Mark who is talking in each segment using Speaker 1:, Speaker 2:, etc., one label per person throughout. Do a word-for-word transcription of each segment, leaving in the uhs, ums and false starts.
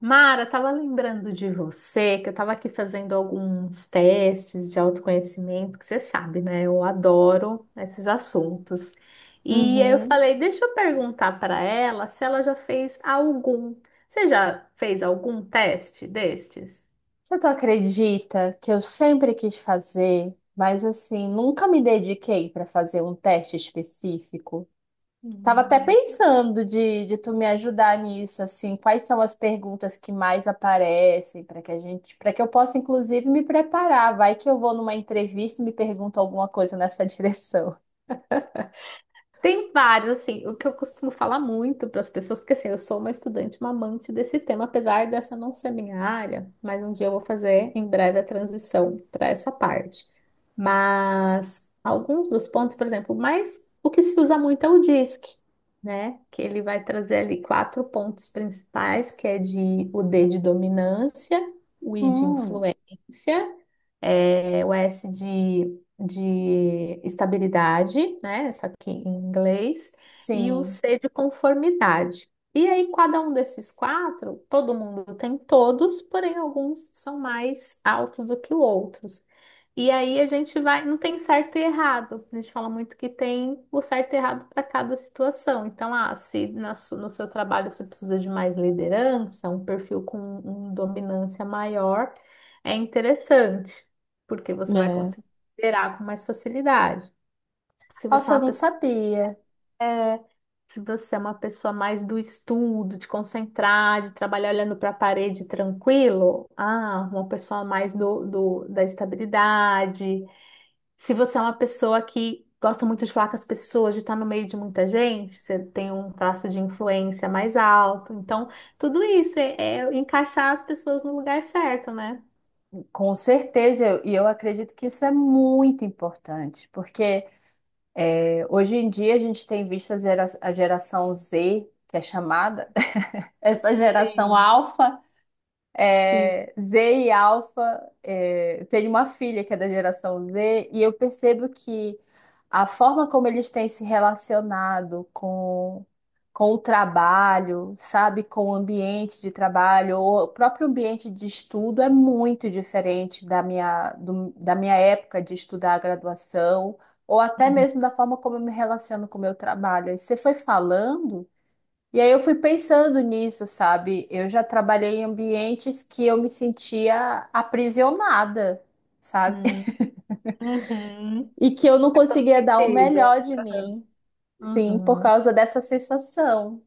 Speaker 1: Mara, estava lembrando de você, que eu estava aqui fazendo alguns testes de autoconhecimento, que você sabe, né? Eu adoro esses assuntos. E aí eu
Speaker 2: Uhum.
Speaker 1: falei, deixa eu perguntar para ela se ela já fez algum. Você já fez algum teste destes?
Speaker 2: Você tu acredita que eu sempre quis fazer, mas assim, nunca me dediquei para fazer um teste específico? Tava até
Speaker 1: Hum.
Speaker 2: pensando de, de tu me ajudar nisso, assim, quais são as perguntas que mais aparecem para que a gente, para que eu possa inclusive me preparar. Vai que eu vou numa entrevista e me perguntam alguma coisa nessa direção.
Speaker 1: Tem vários, assim, o que eu costumo falar muito para as pessoas, porque assim, eu sou uma estudante, uma amante desse tema, apesar dessa não ser minha área, mas um dia eu vou fazer em breve a transição para essa parte. Mas alguns dos pontos, por exemplo, mas o que se usa muito é o DISC, né? Que ele vai trazer ali quatro pontos principais, que é de o D de dominância, o I de
Speaker 2: Hum,
Speaker 1: influência, eh, o S de de estabilidade, né? Isso aqui em inglês, e o
Speaker 2: sim.
Speaker 1: C de conformidade. E aí, cada um desses quatro, todo mundo tem todos, porém alguns são mais altos do que outros. E aí a gente vai, não tem certo e errado. A gente fala muito que tem o certo e errado para cada situação. Então, ah, se na su- no seu trabalho você precisa de mais liderança, um perfil com um, dominância maior, é interessante, porque você vai
Speaker 2: É.
Speaker 1: conseguir liderar com mais facilidade. Se você é
Speaker 2: Nossa,
Speaker 1: uma
Speaker 2: eu não
Speaker 1: pessoa,
Speaker 2: sabia.
Speaker 1: Se você é uma pessoa mais do estudo, de concentrar, de trabalhar olhando para a parede tranquilo, ah, uma pessoa mais do, do- da estabilidade. Se você é uma pessoa que gosta muito de falar com as pessoas, de estar no meio de muita gente, você tem um traço de influência mais alto. Então, tudo isso é, é encaixar as pessoas no lugar certo, né?
Speaker 2: Com certeza, eu- e eu acredito que isso é muito importante, porque hoje em dia a gente tem visto a gera- a geração Z, que é chamada, essa geração
Speaker 1: Sim,
Speaker 2: alfa,
Speaker 1: sim.
Speaker 2: é, Z e Alpha. É, eu tenho uma filha que é da geração Z, e eu percebo que a forma como eles têm se relacionado com, com o trabalho, sabe, com o ambiente de trabalho, ou o próprio ambiente de estudo é muito diferente da minha, do- da minha época de estudar a graduação, ou até
Speaker 1: Uhum.
Speaker 2: mesmo da forma como eu me relaciono com o meu trabalho. Aí você foi falando. E aí eu fui pensando nisso, sabe? Eu já trabalhei em ambientes que eu me sentia aprisionada, sabe?
Speaker 1: Uhum. Uhum.
Speaker 2: E que eu não
Speaker 1: Faz todo
Speaker 2: conseguia dar o
Speaker 1: sentido.
Speaker 2: melhor de mim, sim, por
Speaker 1: Uhum,
Speaker 2: causa dessa sensação.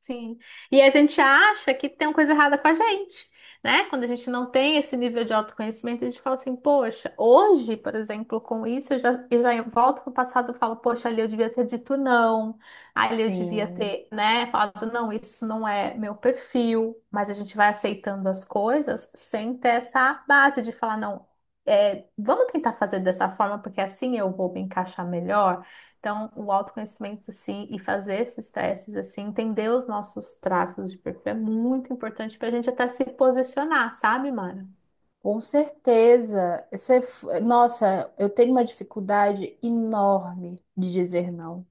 Speaker 1: sim. E a gente acha que tem uma coisa errada com a gente, né? Quando a gente não tem esse nível de autoconhecimento, a gente fala assim, poxa, hoje, por exemplo, com isso, eu já, eu já volto pro passado e falo, poxa, ali eu devia ter dito não, ali eu devia
Speaker 2: Sim,
Speaker 1: ter, né, falado, não, isso não é meu perfil, mas a gente vai aceitando as coisas sem ter essa base de falar, não, é, vamos tentar fazer dessa forma, porque assim eu vou me encaixar melhor. Então, o autoconhecimento, sim, e fazer esses testes, assim, entender os nossos traços de perfil é muito importante para a gente até se posicionar, sabe, Mara?
Speaker 2: com certeza. Você, f- nossa, eu tenho uma dificuldade enorme de dizer não.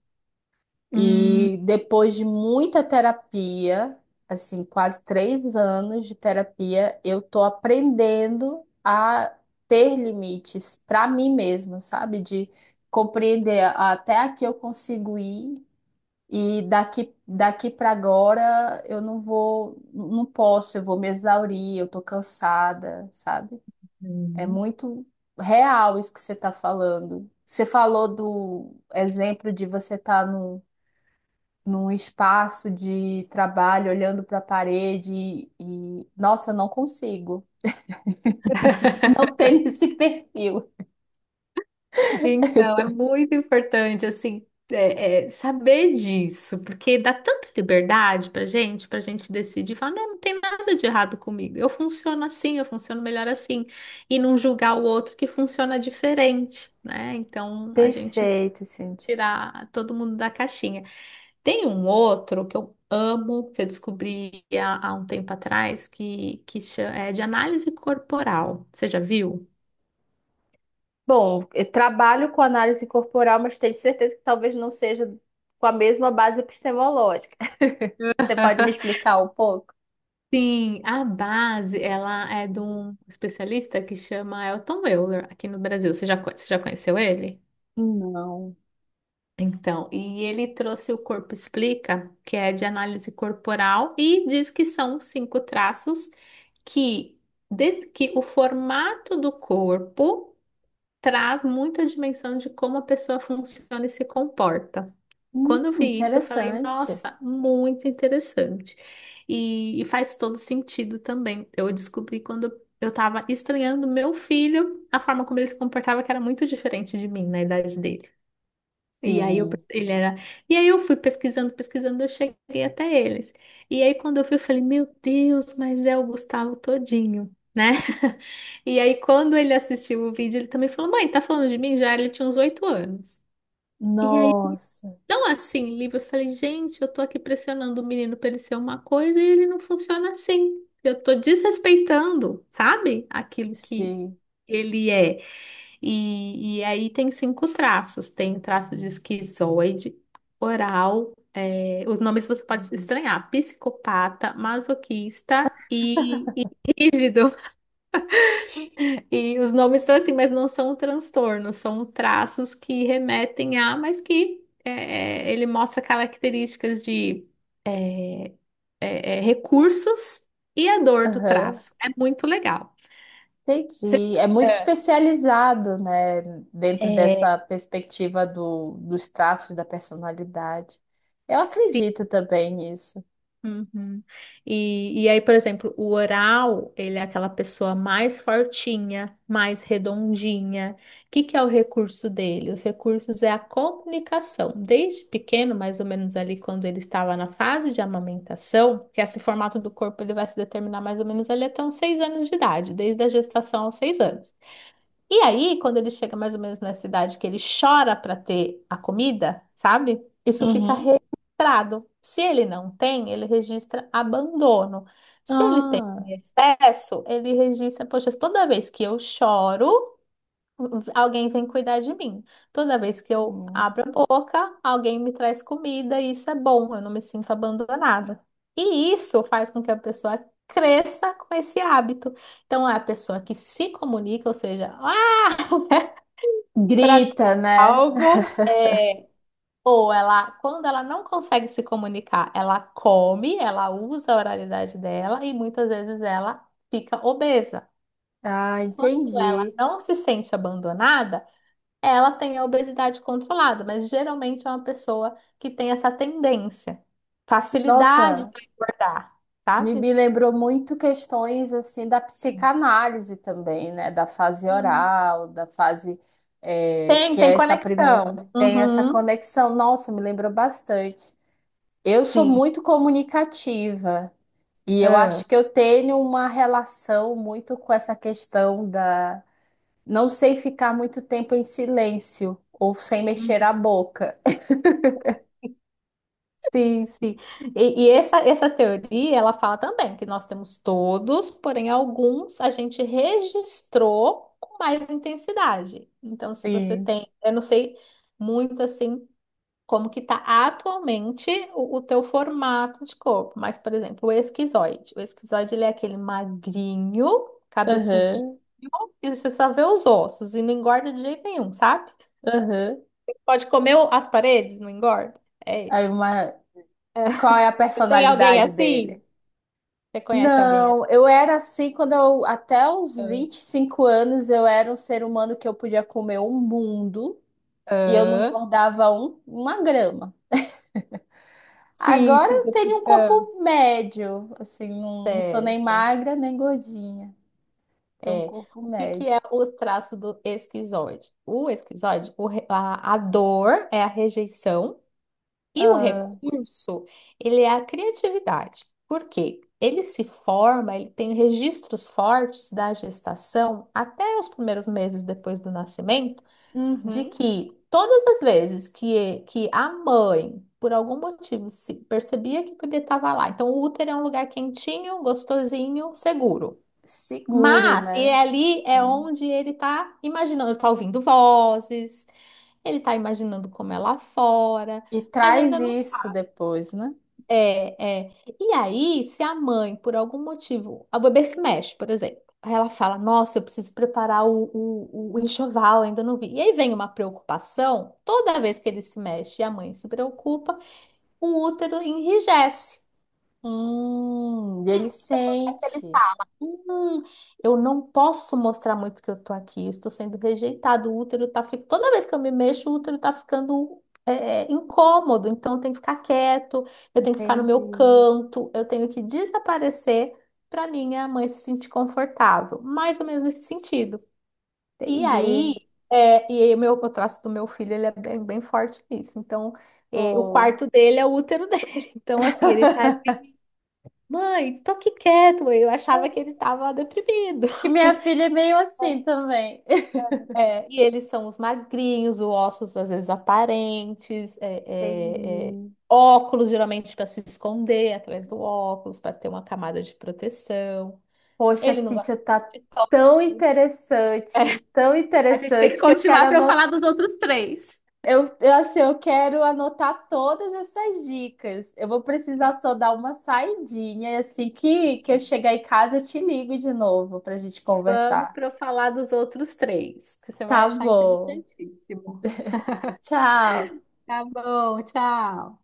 Speaker 1: Uhum.
Speaker 2: E depois de muita terapia, assim, quase três anos de terapia, eu tô aprendendo a ter limites para mim mesma, sabe? De compreender até aqui eu consigo ir e daqui daqui para agora eu não vou, não posso, eu vou me exaurir, eu tô cansada, sabe? É muito real isso que você tá falando. Você falou do exemplo de você estar tá num num espaço de trabalho, olhando para a parede e, e, nossa, não consigo. Não tenho esse perfil.
Speaker 1: Então, é muito importante, assim, é, é, saber disso, porque dá tanta liberdade pra gente, pra gente decidir, falar, não, não tem nada de errado comigo, eu funciono assim, eu funciono melhor assim, e não julgar o outro que funciona diferente, né? Então, a gente
Speaker 2: Perfeito, Cintia.
Speaker 1: tirar todo mundo da caixinha. Tem um outro que eu amo, que eu descobri há, há um tempo atrás, que, que cha- é de análise corporal. Você já viu?
Speaker 2: Bom, eu trabalho com análise corporal, mas tenho certeza que talvez não seja com a mesma base epistemológica. Você pode me explicar um pouco?
Speaker 1: Sim, a base, ela é de um especialista que chama Elton Euler, aqui no Brasil. Você já, co- você já conheceu ele?
Speaker 2: Não.
Speaker 1: Então, e ele trouxe o Corpo Explica, que é de análise corporal, e diz que são cinco traços que, de- que o formato do corpo traz muita dimensão de como a pessoa funciona e se comporta.
Speaker 2: Hum,
Speaker 1: Quando eu vi isso, eu falei,
Speaker 2: interessante.
Speaker 1: nossa, muito interessante. E, e faz todo sentido também. Eu descobri quando eu estava estranhando meu filho, a forma como ele se comportava, que era muito diferente de mim na idade dele. E aí eu, pe-
Speaker 2: Sim.
Speaker 1: ele era, e aí eu fui pesquisando, pesquisando, eu cheguei até eles. E aí quando eu vi, eu falei, meu Deus, mas é o Gustavo todinho, né? E aí quando ele assistiu o vídeo, ele também falou, mãe, tá falando de mim já? Ele tinha uns oito anos. E
Speaker 2: Nossa,
Speaker 1: não assim, livre. Eu falei, gente, eu tô aqui pressionando o menino pra ele ser uma coisa e ele não funciona assim. Eu tô desrespeitando, sabe? Aquilo que
Speaker 2: sim.
Speaker 1: ele é. E, e aí tem cinco traços. Tem traço de esquizoide, oral, é, os nomes você pode estranhar, psicopata, masoquista e, e rígido. E os nomes são assim, mas não são transtornos, são traços que remetem a, mas que é, é, ele mostra características de é, é, recursos e a dor do
Speaker 2: Aham.
Speaker 1: traço. É muito legal.
Speaker 2: Entendi. É muito
Speaker 1: É.
Speaker 2: especializado, né? Dentro
Speaker 1: É,
Speaker 2: dessa perspectiva do, dos traços da personalidade. Eu
Speaker 1: se.
Speaker 2: acredito também nisso.
Speaker 1: Uhum. E, e aí, por exemplo, o oral, ele é aquela pessoa mais fortinha, mais redondinha. O que que é o recurso dele? Os recursos é a comunicação. Desde pequeno, mais ou menos ali quando ele estava na fase de amamentação, que esse formato do corpo ele vai se determinar mais ou menos ali até uns seis anos de idade, desde a gestação aos seis anos. E aí, quando ele chega mais ou menos na cidade que ele chora para ter a comida, sabe? Isso fica
Speaker 2: Uhum.
Speaker 1: registrado. Se ele não tem, ele registra abandono. Se ele tem
Speaker 2: Ah,
Speaker 1: em excesso, ele registra, poxa, toda vez que eu choro, alguém vem cuidar de mim. Toda vez que eu
Speaker 2: sim.
Speaker 1: abro a boca, alguém me traz comida e isso é bom, eu não me sinto abandonada. E isso faz com que a pessoa cresça com esse hábito. Então, é a pessoa que se comunica, ou seja, para
Speaker 2: Grita, né?
Speaker 1: algo é ou ela quando ela não consegue se comunicar, ela come, ela usa a oralidade dela e muitas vezes ela fica obesa.
Speaker 2: Ah,
Speaker 1: Quando ela
Speaker 2: entendi.
Speaker 1: não se sente abandonada, ela tem a obesidade controlada, mas geralmente é uma pessoa que tem essa tendência, facilidade
Speaker 2: Nossa,
Speaker 1: para engordar,
Speaker 2: me, me
Speaker 1: sabe?
Speaker 2: lembrou muito questões assim da psicanálise também, né? Da fase
Speaker 1: Sim.
Speaker 2: oral, da fase, eh,
Speaker 1: Tem,
Speaker 2: que
Speaker 1: tem
Speaker 2: é essa primeira,
Speaker 1: conexão.
Speaker 2: tem essa
Speaker 1: Uhum.
Speaker 2: conexão. Nossa, me lembrou bastante. Eu sou
Speaker 1: Sim.
Speaker 2: muito comunicativa e eu
Speaker 1: Ah.
Speaker 2: acho que eu tenho uma relação muito com essa questão da, não sei ficar muito tempo em silêncio ou sem mexer a
Speaker 1: Uhum.
Speaker 2: boca.
Speaker 1: Sim, sim. E, e essa, essa teoria, ela fala também que nós temos todos, porém alguns a gente registrou com mais intensidade. Então, se você
Speaker 2: Sim.
Speaker 1: tem, eu não sei muito assim como que está atualmente o, o teu formato de corpo, mas, por exemplo, o esquizoide. O esquizoide, ele é aquele magrinho, cabeçudinho,
Speaker 2: Aham,
Speaker 1: que você só vê os ossos e não engorda de jeito nenhum, sabe?
Speaker 2: aham.
Speaker 1: Pode comer as paredes, não engorda. É
Speaker 2: Aí
Speaker 1: isso.
Speaker 2: uma... Qual é a
Speaker 1: Você tem alguém
Speaker 2: personalidade
Speaker 1: assim?
Speaker 2: dele?
Speaker 1: Você conhece alguém assim?
Speaker 2: Não, eu era assim quando eu, até os
Speaker 1: Ah,
Speaker 2: vinte e cinco anos, eu era um ser humano que eu podia comer um mundo e eu não
Speaker 1: ah.
Speaker 2: engordava um, uma grama.
Speaker 1: Sim,
Speaker 2: Agora
Speaker 1: sim.
Speaker 2: eu
Speaker 1: depois-
Speaker 2: tenho um
Speaker 1: ah.
Speaker 2: corpo médio, assim, não, não sou nem
Speaker 1: Certo.
Speaker 2: magra nem gordinha. Tenho um
Speaker 1: É.
Speaker 2: corpo
Speaker 1: O que que
Speaker 2: médio.
Speaker 1: é o traço do esquizoide? O esquizoide, o re- a, a dor é a rejeição e o
Speaker 2: Ah,
Speaker 1: recurso, ele é a criatividade. Por quê? Ele se forma, ele tem registros fortes da gestação até os primeiros meses depois do nascimento. De
Speaker 2: uhum.
Speaker 1: que todas as vezes que, que a mãe, por algum motivo, se percebia que o bebê estava lá, então o útero é um lugar quentinho, gostosinho, seguro.
Speaker 2: Seguro,
Speaker 1: Mas, e
Speaker 2: né?
Speaker 1: ali é
Speaker 2: Sim.
Speaker 1: onde ele tá imaginando, tá ouvindo vozes, ele tá imaginando como é lá fora,
Speaker 2: E
Speaker 1: mas
Speaker 2: traz
Speaker 1: ainda não.
Speaker 2: isso depois, né?
Speaker 1: É, é. E aí, se a mãe, por algum motivo, a bebê se mexe, por exemplo, aí ela fala: nossa, eu preciso preparar o, o, o enxoval, ainda não vi. E aí vem uma preocupação, toda vez que ele se mexe e a mãe se preocupa, o útero enrijece.
Speaker 2: Hum, e ele sente.
Speaker 1: Hum, eu não posso mostrar muito que eu tô aqui, eu estou sendo rejeitado, o útero tá ficando. Toda vez que eu me mexo, o útero tá ficando é, é, incômodo, então eu tenho que ficar quieto, eu tenho que ficar no meu
Speaker 2: Entendi,
Speaker 1: canto, eu tenho que desaparecer para minha mãe se sentir confortável, mais ou menos nesse sentido. E aí,
Speaker 2: entendi.
Speaker 1: é, e aí o meu, o traço do meu filho, ele é bem, bem forte nisso. Então, é, o
Speaker 2: Pô.
Speaker 1: quarto dele é o útero dele. Então, assim, ele tá. Mãe, tô aqui quieto, mãe. Eu achava que ele tava deprimido.
Speaker 2: Acho que minha filha é meio assim também.
Speaker 1: É, e eles são os magrinhos, os ossos às vezes aparentes, é, é, é,
Speaker 2: Entendi.
Speaker 1: óculos geralmente para se esconder atrás do óculos, para ter uma camada de proteção.
Speaker 2: Poxa,
Speaker 1: Ele não gosta
Speaker 2: Cíntia, tá
Speaker 1: de toque.
Speaker 2: tão interessante, tão
Speaker 1: A gente tem que
Speaker 2: interessante que eu quero
Speaker 1: continuar para eu falar
Speaker 2: anotar.
Speaker 1: dos outros três.
Speaker 2: Eu, eu, assim, eu quero anotar todas essas dicas. Eu vou precisar
Speaker 1: Sim,
Speaker 2: só dar uma saidinha e assim que, que eu
Speaker 1: sim.
Speaker 2: chegar em casa eu te ligo de novo para a gente
Speaker 1: Vamos
Speaker 2: conversar.
Speaker 1: para eu falar dos outros três, que você vai
Speaker 2: Tá
Speaker 1: achar
Speaker 2: bom.
Speaker 1: interessantíssimo.
Speaker 2: Tchau.
Speaker 1: Tá bom, tchau.